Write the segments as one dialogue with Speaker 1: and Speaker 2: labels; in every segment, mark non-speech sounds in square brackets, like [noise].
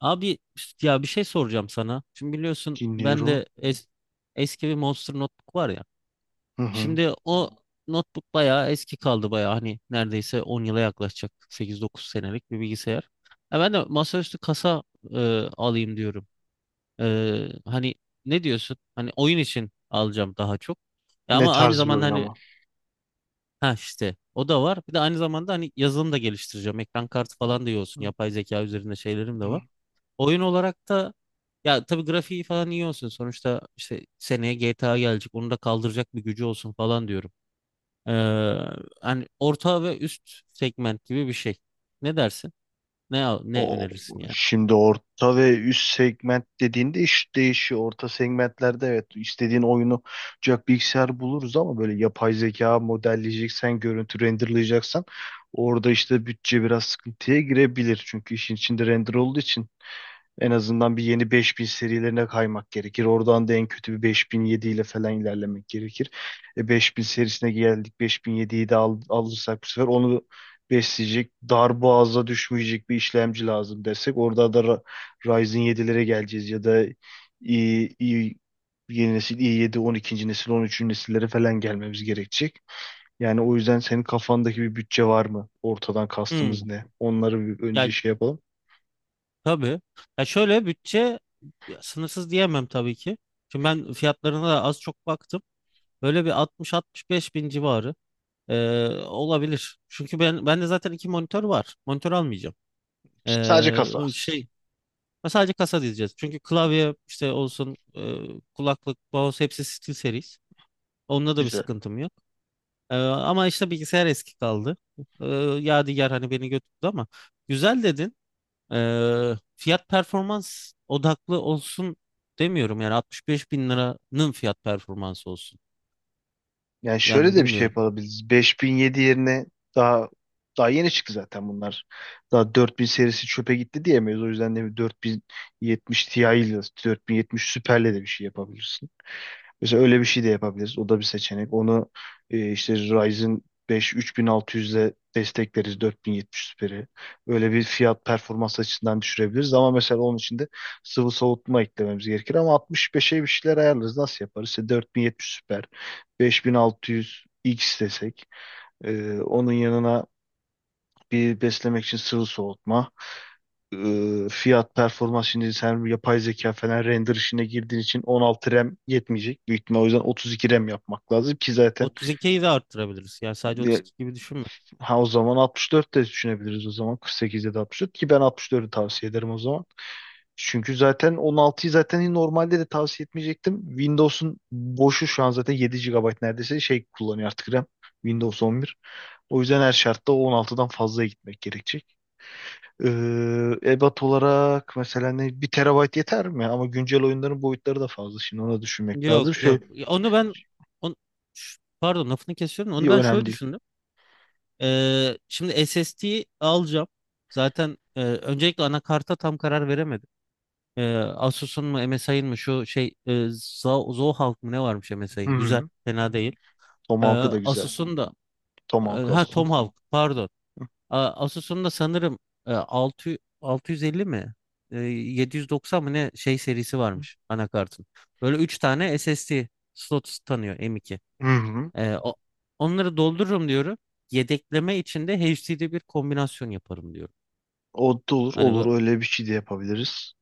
Speaker 1: Abi ya bir şey soracağım sana. Şimdi biliyorsun ben
Speaker 2: Dinliyorum.
Speaker 1: de eski bir Monster notebook var ya.
Speaker 2: Hı hı.
Speaker 1: Şimdi o notebook bayağı eski kaldı bayağı, hani neredeyse 10 yıla yaklaşacak, 8-9 senelik bir bilgisayar. Ya ben de masaüstü kasa e, alayım diyorum. Hani ne diyorsun? Hani oyun için alacağım daha çok. Ya
Speaker 2: Ne
Speaker 1: ama aynı
Speaker 2: tarz bir
Speaker 1: zamanda
Speaker 2: oyun
Speaker 1: hani,
Speaker 2: ama?
Speaker 1: ha, işte o da var. Bir de aynı zamanda hani yazılım da geliştireceğim. Ekran kartı
Speaker 2: Hı
Speaker 1: falan da iyi olsun.
Speaker 2: hı
Speaker 1: Yapay zeka üzerinde şeylerim de
Speaker 2: hı.
Speaker 1: var. Oyun olarak da, ya tabii, grafiği falan iyi olsun. Sonuçta işte seneye GTA gelecek. Onu da kaldıracak bir gücü olsun falan diyorum. Ee, hani orta ve üst segment gibi bir şey. Ne dersin? Ne
Speaker 2: O
Speaker 1: önerirsin yani?
Speaker 2: şimdi orta ve üst segment dediğinde iş değişiyor. Orta segmentlerde, evet, istediğin oyunu olacak bilgisayar buluruz ama böyle yapay zeka modelleyeceksen, görüntü renderlayacaksan orada işte bütçe biraz sıkıntıya girebilir. Çünkü işin içinde render olduğu için en azından bir yeni 5000 serilerine kaymak gerekir. Oradan da en kötü bir 5007 ile falan ilerlemek gerekir. E 5000 serisine geldik. 5007'yi de al, alırsak bu sefer onu besleyecek, dar boğaza düşmeyecek bir işlemci lazım desek. Orada da Ryzen 7'lere geleceğiz ya da i, i, yeni nesil i7, 12. nesil, 13. nesillere falan gelmemiz gerekecek. Yani o yüzden senin kafandaki bir bütçe var mı? Ortadan kastımız
Speaker 1: Hmm.
Speaker 2: ne? Onları bir
Speaker 1: Ya
Speaker 2: önce şey yapalım.
Speaker 1: tabii. Ya şöyle bütçe, ya sınırsız diyemem tabii ki. Şimdi ben fiyatlarına da az çok baktım. Böyle bir 60-65 bin civarı olabilir. Çünkü bende zaten iki monitör var. Monitör almayacağım.
Speaker 2: Sadece kasa.
Speaker 1: Ee, şey Ve sadece kasa diyeceğiz. Çünkü klavye işte olsun, kulaklık, mouse hepsi SteelSeries. Onunla da bir
Speaker 2: Güzel.
Speaker 1: sıkıntım yok. Ama işte bilgisayar eski kaldı. E, Yadigar hani beni götürdü, ama güzel dedin. Fiyat performans odaklı olsun demiyorum. Yani 65 bin liranın fiyat performansı olsun.
Speaker 2: Yani şöyle
Speaker 1: Yani
Speaker 2: de bir şey
Speaker 1: bilmiyorum.
Speaker 2: yapabiliriz. 5007 yerine daha daha yeni çıktı zaten bunlar. Daha 4000 serisi çöpe gitti diyemeyiz. O yüzden de bir 4070 Ti ile 4070 Super'le de bir şey yapabiliriz. Mesela öyle bir şey de yapabiliriz. O da bir seçenek. Onu işte Ryzen 5 3600'le destekleriz 4070 Super'i. Öyle bir fiyat performans açısından düşürebiliriz. Ama mesela onun için de sıvı soğutma eklememiz gerekir. Ama 65'e bir şeyler ayarlarız. Nasıl yaparız? İşte 4070 Super, 5600 X desek. Onun yanına bir beslemek için sıvı soğutma, e, fiyat performans, şimdi sen yapay zeka falan render işine girdiğin için 16 RAM yetmeyecek. Büyük ihtimal o yüzden 32 RAM yapmak lazım ki zaten
Speaker 1: 32'yi de arttırabiliriz. Yani sadece
Speaker 2: e,
Speaker 1: 32 gibi düşünme.
Speaker 2: ha, o zaman 64 de düşünebiliriz, o zaman 48 ya da 64 ki ben 64'ü tavsiye ederim o zaman. Çünkü zaten 16'yı zaten normalde de tavsiye etmeyecektim. Windows'un boşu şu an zaten 7 gigabayt neredeyse şey kullanıyor artık RAM. Windows 11. O yüzden her şartta o 16'dan fazla gitmek gerekecek. Ee, ebat olarak mesela ne, bir terabayt yeter mi? Ama güncel oyunların boyutları da fazla. Şimdi onu düşünmek
Speaker 1: Yok
Speaker 2: lazım. Şöyle
Speaker 1: yok. Onu ben on, pardon, lafını kesiyorum. Onu ben
Speaker 2: önemli
Speaker 1: şöyle
Speaker 2: değil.
Speaker 1: düşündüm. Şimdi SSD alacağım. Zaten öncelikle anakarta tam karar veremedim. Asus'un mu MSI'ın mı, şu Zohawk mı ne varmış
Speaker 2: Hı
Speaker 1: MSI'ın? Güzel,
Speaker 2: hı.
Speaker 1: fena değil. Ee,
Speaker 2: Tomahawk'ı da güzel.
Speaker 1: Asus'un da
Speaker 2: Tomahawk olsun.
Speaker 1: Tomahawk, pardon. Asus'un da sanırım 600 650 mi? 790 mı ne şey serisi varmış anakartın. Böyle 3 tane SSD slot tanıyor, M.2.
Speaker 2: Hı hı.
Speaker 1: Ee, o- Onları doldururum diyorum. Yedekleme içinde HD'de bir kombinasyon yaparım diyorum.
Speaker 2: O da olur.
Speaker 1: Hani
Speaker 2: Olur.
Speaker 1: bu,
Speaker 2: Öyle bir şey de yapabiliriz.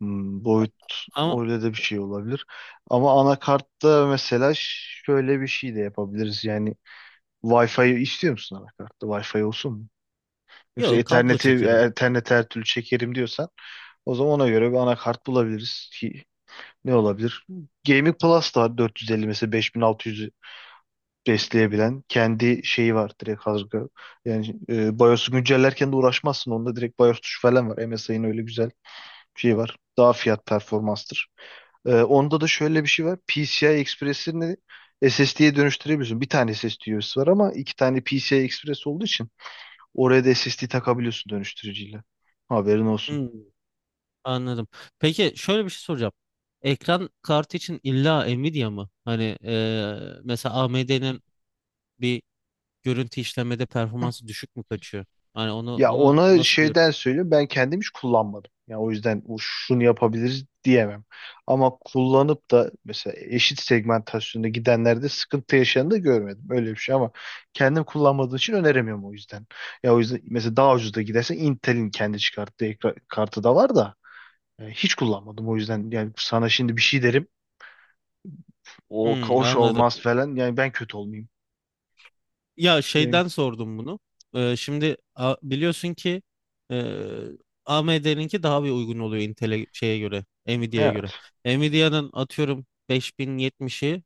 Speaker 2: Hmm, boyut,
Speaker 1: ama
Speaker 2: öyle de bir şey olabilir. Ama anakartta mesela şöyle bir şey de yapabiliriz. Yani Wi-Fi istiyor musun anakartta? Wi-Fi olsun mu? Yoksa
Speaker 1: yok, kablo
Speaker 2: Ethernet'i
Speaker 1: çekerim.
Speaker 2: Ethernet'e her türlü çekerim diyorsan o zaman ona göre bir anakart bulabiliriz. Ne olabilir? Gaming Plus da var 450 mesela, 5600 besleyebilen kendi şeyi var direkt hazır. Yani BIOS'u güncellerken de uğraşmazsın. Onda direkt BIOS tuşu falan var. MSI'nin öyle güzel bir şeyi var. Daha fiyat performanstır. Onda da şöyle bir şey var. PCI Express'ini SSD'ye dönüştürebiliyorsun. Bir tane SSD üyesi var ama iki tane PCI Express olduğu için oraya da SSD takabiliyorsun dönüştürücüyle. Haberin olsun.
Speaker 1: Hmm, anladım. Peki şöyle bir şey soracağım. Ekran kartı için illa Nvidia mı? Hani mesela AMD'nin bir görüntü işlemede performansı düşük mü kaçıyor? Hani onu
Speaker 2: Ya
Speaker 1: onu
Speaker 2: ona
Speaker 1: nasıl bir...
Speaker 2: şeyden söyleyeyim, ben kendim hiç kullanmadım. Ya o yüzden o şunu yapabiliriz diyemem. Ama kullanıp da mesela eşit segmentasyonda gidenlerde sıkıntı yaşayanı da görmedim. Öyle bir şey ama kendim kullanmadığım için öneremiyorum o yüzden. Ya o yüzden mesela daha ucuz da gidersen Intel'in kendi çıkarttığı kartı da var da hiç kullanmadım o yüzden. Yani sana şimdi bir şey derim, o
Speaker 1: Hmm,
Speaker 2: hoş
Speaker 1: anladım.
Speaker 2: olmaz falan, yani ben kötü olmayayım.
Speaker 1: Ya
Speaker 2: Yani,
Speaker 1: şeyden sordum bunu. Şimdi biliyorsun ki, e, AMD'ninki daha bir uygun oluyor Intel'e şeye göre, Nvidia'ya göre.
Speaker 2: evet.
Speaker 1: Nvidia'nın atıyorum 5070'i,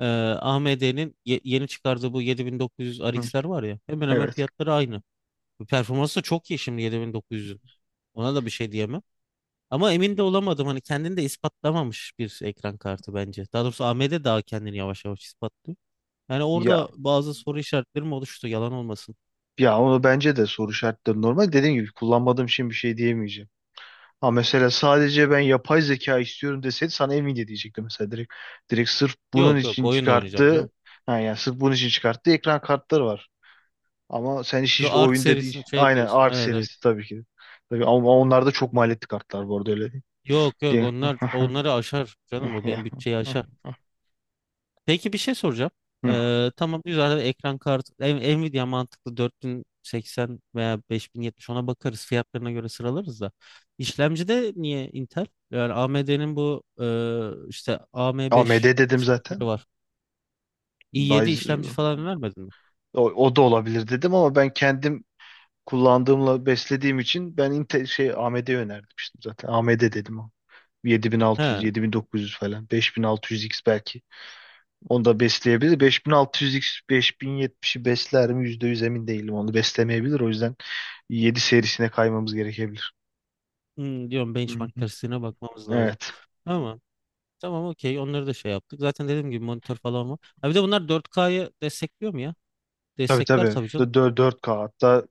Speaker 1: e, AMD'nin yeni çıkardığı bu 7900
Speaker 2: Hı,
Speaker 1: RX'ler var ya, hemen hemen
Speaker 2: evet.
Speaker 1: fiyatları aynı. Performansı da çok iyi şimdi 7900'ün. Ona da bir şey diyemem. Ama emin de olamadım, hani kendini de ispatlamamış bir ekran kartı bence. Daha doğrusu AMD daha kendini yavaş yavaş ispatlıyor. Yani
Speaker 2: Ya
Speaker 1: orada bazı soru işaretlerim oluştu, yalan olmasın.
Speaker 2: Ya, onu bence de soru şartları normal. Dediğim gibi kullanmadığım için bir şey diyemeyeceğim. Ha mesela sadece ben yapay zeka istiyorum deseydi sana Nvidia diyecektim mesela direkt. Direkt sırf bunun
Speaker 1: Yok yok,
Speaker 2: için
Speaker 1: oyun da oynayacağım
Speaker 2: çıkarttığı,
Speaker 1: canım.
Speaker 2: ha yani sırf bunun için çıkarttığı ekran kartları var. Ama sen işin
Speaker 1: Şu
Speaker 2: işte
Speaker 1: Ark
Speaker 2: oyun dediğin,
Speaker 1: serisini şey
Speaker 2: aynen
Speaker 1: diyorsun.
Speaker 2: Ark
Speaker 1: Evet evet.
Speaker 2: serisi tabii ki. Tabii ama onlarda çok maliyetli kartlar bu arada, öyle değil.
Speaker 1: Yok yok,
Speaker 2: Diye.
Speaker 1: onları aşar canım, o benim bütçeyi aşar.
Speaker 2: [laughs]
Speaker 1: Peki bir şey soracağım.
Speaker 2: Hı.
Speaker 1: Tamam, güzel, ekran kartı Nvidia mantıklı, 4080 veya 5070, ona bakarız fiyatlarına göre sıralarız da. İşlemcide niye Intel? Yani AMD'nin bu işte AM5
Speaker 2: AMD dedim
Speaker 1: serileri
Speaker 2: zaten.
Speaker 1: var. i7 işlemci
Speaker 2: Ryzen-
Speaker 1: falan vermedin mi?
Speaker 2: o da olabilir dedim ama ben kendim kullandığımla beslediğim için ben Intel şey AMD önermiştim zaten. AMD dedim o. 7600,
Speaker 1: He,
Speaker 2: 7900 falan. 5600X belki. Onu da besleyebilir. 5600X, 5070'i besler mi? Yüzde yüz emin değilim. Onu beslemeyebilir. O yüzden 7 serisine kaymamız gerekebilir.
Speaker 1: diyorum
Speaker 2: Hı
Speaker 1: benchmark
Speaker 2: hı.
Speaker 1: testine bakmamız lazım.
Speaker 2: Evet.
Speaker 1: Ama tamam, okey, onları da şey yaptık. Zaten dediğim gibi monitör falan var. Ha bir de bunlar 4K'yı destekliyor mu ya?
Speaker 2: Tabii
Speaker 1: Destekler
Speaker 2: tabii.
Speaker 1: tabii canım.
Speaker 2: 4K hatta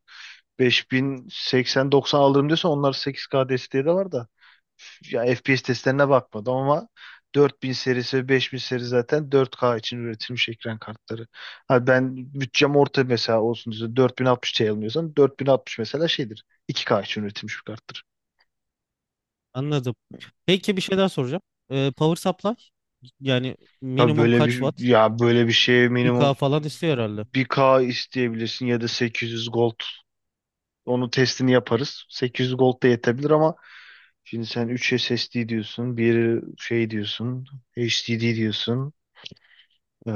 Speaker 2: 5080-90 alırım diyorsa onlar, 8K desteği de var da, ya FPS testlerine bakmadım ama 4000 serisi ve 5000 seri zaten 4K için üretilmiş ekran kartları. Ha ben bütçem orta mesela olsun diye 4060 Ti almıyorsam 4060 mesela şeydir. 2K için üretilmiş bir karttır.
Speaker 1: Anladım. Peki bir şey daha soracağım. Power supply, yani
Speaker 2: Tabii
Speaker 1: minimum
Speaker 2: böyle
Speaker 1: kaç
Speaker 2: bir,
Speaker 1: watt?
Speaker 2: ya böyle bir şeye
Speaker 1: 1K
Speaker 2: minimum
Speaker 1: falan istiyor herhalde.
Speaker 2: 1K isteyebilirsin ya da 800 gold. Onu testini yaparız. 800 gold da yetebilir ama şimdi sen 3 SSD diyorsun, bir şey diyorsun, HDD diyorsun. Ee,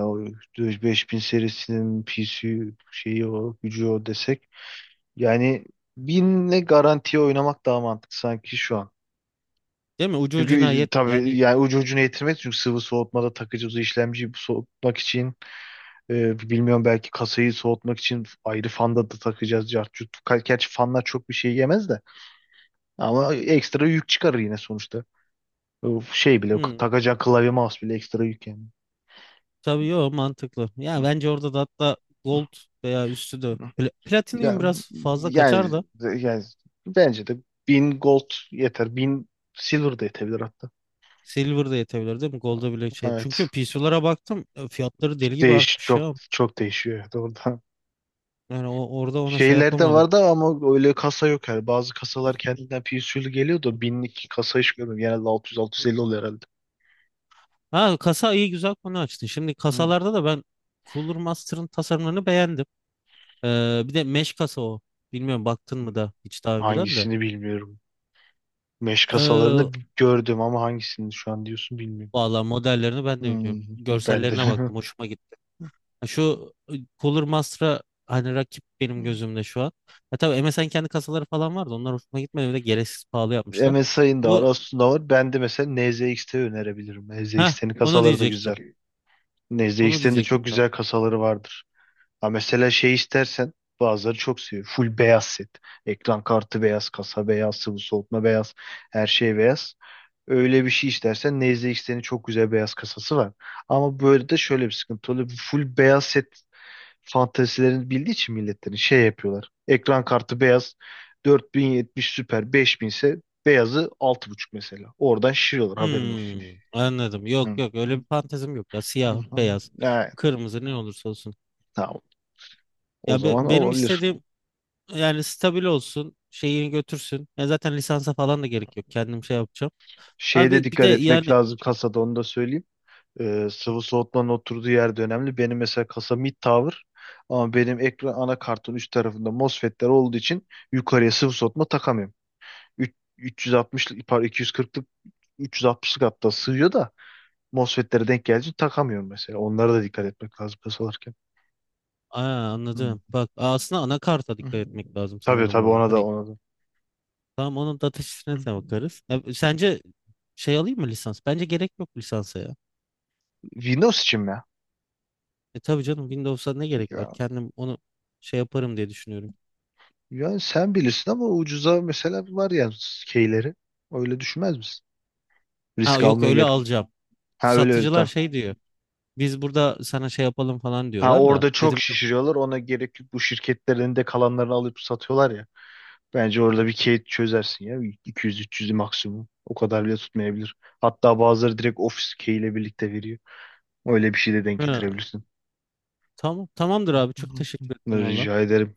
Speaker 2: o 5000 serisinin PC şeyi o gücü o desek. Yani binle garantiye oynamak daha mantıklı sanki şu an.
Speaker 1: Değil mi? Ucu ucuna
Speaker 2: Çünkü
Speaker 1: yet
Speaker 2: tabii
Speaker 1: yani.
Speaker 2: yani ucu ucuna yetirmez. Çünkü sıvı soğutmada takıcı işlemciyi soğutmak için bilmiyorum belki kasayı soğutmak için ayrı fanda da takacağız. Cart curt. Gerçi fanlar çok bir şey yemez de, ama ekstra yük çıkarır yine sonuçta. O şey bile,
Speaker 1: hmm,
Speaker 2: takacağın klavye mouse bile ekstra yük yani.
Speaker 1: tabii yo mantıklı. Ya bence orada da, hatta gold veya üstü de,
Speaker 2: Hı. Ya,
Speaker 1: Platinum biraz fazla kaçar
Speaker 2: yani
Speaker 1: da,
Speaker 2: yani bence de 1000 gold yeter. Bin silver da yetebilir hatta.
Speaker 1: silver de yetebilir değil mi? Gold'a bile şey. Çünkü
Speaker 2: Evet.
Speaker 1: PC'lara baktım, fiyatları deli gibi
Speaker 2: Değiş
Speaker 1: artmış
Speaker 2: çok
Speaker 1: ya.
Speaker 2: çok değişiyor orada. Doğrudan.
Speaker 1: Yani orada ona şey
Speaker 2: Şeyler de
Speaker 1: yapamadım.
Speaker 2: vardı ama öyle kasa yok yani. Bazı kasalar kendinden PSU'lu geliyor da binlik kasa hiç görmedim. Genelde 600-650 oluyor herhalde.
Speaker 1: Ha, kasa, iyi güzel konu açtın. Şimdi
Speaker 2: Hı.
Speaker 1: kasalarda da ben Cooler Master'ın tasarımlarını beğendim. Bir de mesh kasa o. Bilmiyorum, baktın mı da hiç daha önceden de.
Speaker 2: Hangisini bilmiyorum. Meş
Speaker 1: Ee,
Speaker 2: kasalarını gördüm ama hangisini şu an diyorsun bilmiyorum.
Speaker 1: valla modellerini ben de bilmiyorum.
Speaker 2: Hmm. Ben de.
Speaker 1: Görsellerine baktım, hoşuma gitti. Ha, şu Cooler Master'a hani rakip benim
Speaker 2: [laughs]
Speaker 1: gözümde şu an. Ya tabii, MSN kendi kasaları falan vardı. Onlar hoşuma gitmedi. Bir de gereksiz pahalı yapmışlar.
Speaker 2: MSI'ın da var,
Speaker 1: Bu
Speaker 2: Asus'un da var. Ben de mesela NZXT önerebilirim.
Speaker 1: ha
Speaker 2: NZXT'nin
Speaker 1: onu
Speaker 2: kasaları da güzel.
Speaker 1: diyecektim. Onu
Speaker 2: NZXT'nin de
Speaker 1: diyecektim,
Speaker 2: çok
Speaker 1: tamam.
Speaker 2: güzel kasaları vardır. Ha mesela şey istersen, bazıları çok seviyor. Full beyaz set. Ekran kartı beyaz, kasa beyaz, sıvı soğutma beyaz, her şey beyaz. Öyle bir şey istersen NZXT'nin çok güzel beyaz kasası var. Ama böyle de şöyle bir sıkıntı oluyor. Full beyaz set fantezilerini bildiği için milletlerin şey yapıyorlar. Ekran kartı beyaz 4070 süper 5000 ise beyazı 6.5 mesela. Oradan şişiriyorlar, haberin olsun.
Speaker 1: Hmm, anladım. Yok
Speaker 2: Hı.
Speaker 1: yok,
Speaker 2: [laughs]
Speaker 1: öyle bir fantezim yok ya.
Speaker 2: Hı,
Speaker 1: Siyah,
Speaker 2: hı,
Speaker 1: beyaz,
Speaker 2: evet,
Speaker 1: kırmızı, ne olursa olsun.
Speaker 2: tamam. O
Speaker 1: Ya
Speaker 2: zaman
Speaker 1: benim
Speaker 2: olabilir.
Speaker 1: istediğim yani stabil olsun, şeyini götürsün. Ya zaten lisansa falan da gerek yok. Kendim şey yapacağım.
Speaker 2: Şeye de
Speaker 1: Abi bir de
Speaker 2: dikkat etmek
Speaker 1: yani...
Speaker 2: lazım kasada, onu da söyleyeyim. Sıvı soğutmanın oturduğu yer de önemli. Benim mesela kasa mid tower ama benim ekran anakartın üst tarafında MOSFET'ler olduğu için yukarıya sıvı soğutma takamıyorum. 360'lık, pardon, 240'lık, 360'lık hatta sığıyor da MOSFET'lere denk gelince takamıyorum mesela. Onlara da dikkat etmek lazım pes alırken.
Speaker 1: Aa,
Speaker 2: Hmm.
Speaker 1: anladım. Bak, aslında anakarta
Speaker 2: Hı.
Speaker 1: dikkat etmek lazım
Speaker 2: Tabii
Speaker 1: sanırım
Speaker 2: tabii,
Speaker 1: orada.
Speaker 2: ona da,
Speaker 1: Hani
Speaker 2: ona da.
Speaker 1: tamam, onun data
Speaker 2: Hı.
Speaker 1: sheet'ine de bakarız. Ya, sence şey alayım mı, lisans? Bence gerek yok lisansa ya.
Speaker 2: Windows için mi?
Speaker 1: Tabii canım, Windows'a ne gerek var?
Speaker 2: Ya,
Speaker 1: Kendim onu şey yaparım diye düşünüyorum.
Speaker 2: yani sen bilirsin ama ucuza mesela var ya keyleri. Öyle düşünmez misin?
Speaker 1: Ha
Speaker 2: Risk
Speaker 1: yok,
Speaker 2: almaya
Speaker 1: öyle
Speaker 2: gerek.
Speaker 1: alacağım.
Speaker 2: Ha, öyle öyle
Speaker 1: Satıcılar
Speaker 2: tamam.
Speaker 1: şey diyor. Biz burada sana şey yapalım falan
Speaker 2: Ha
Speaker 1: diyorlar da.
Speaker 2: orada çok
Speaker 1: Dedim yok.
Speaker 2: şişiriyorlar. Ona gerek yok. Bu şirketlerin de kalanlarını alıp satıyorlar ya. Bence orada bir key çözersin ya. 200-300 maksimum. O kadar bile tutmayabilir. Hatta bazıları direkt ofis key ile birlikte veriyor. Öyle bir şey de denk
Speaker 1: "Ha,
Speaker 2: getirebilirsin.
Speaker 1: tamam, tamamdır abi, çok teşekkür ettim valla.
Speaker 2: Rica ederim.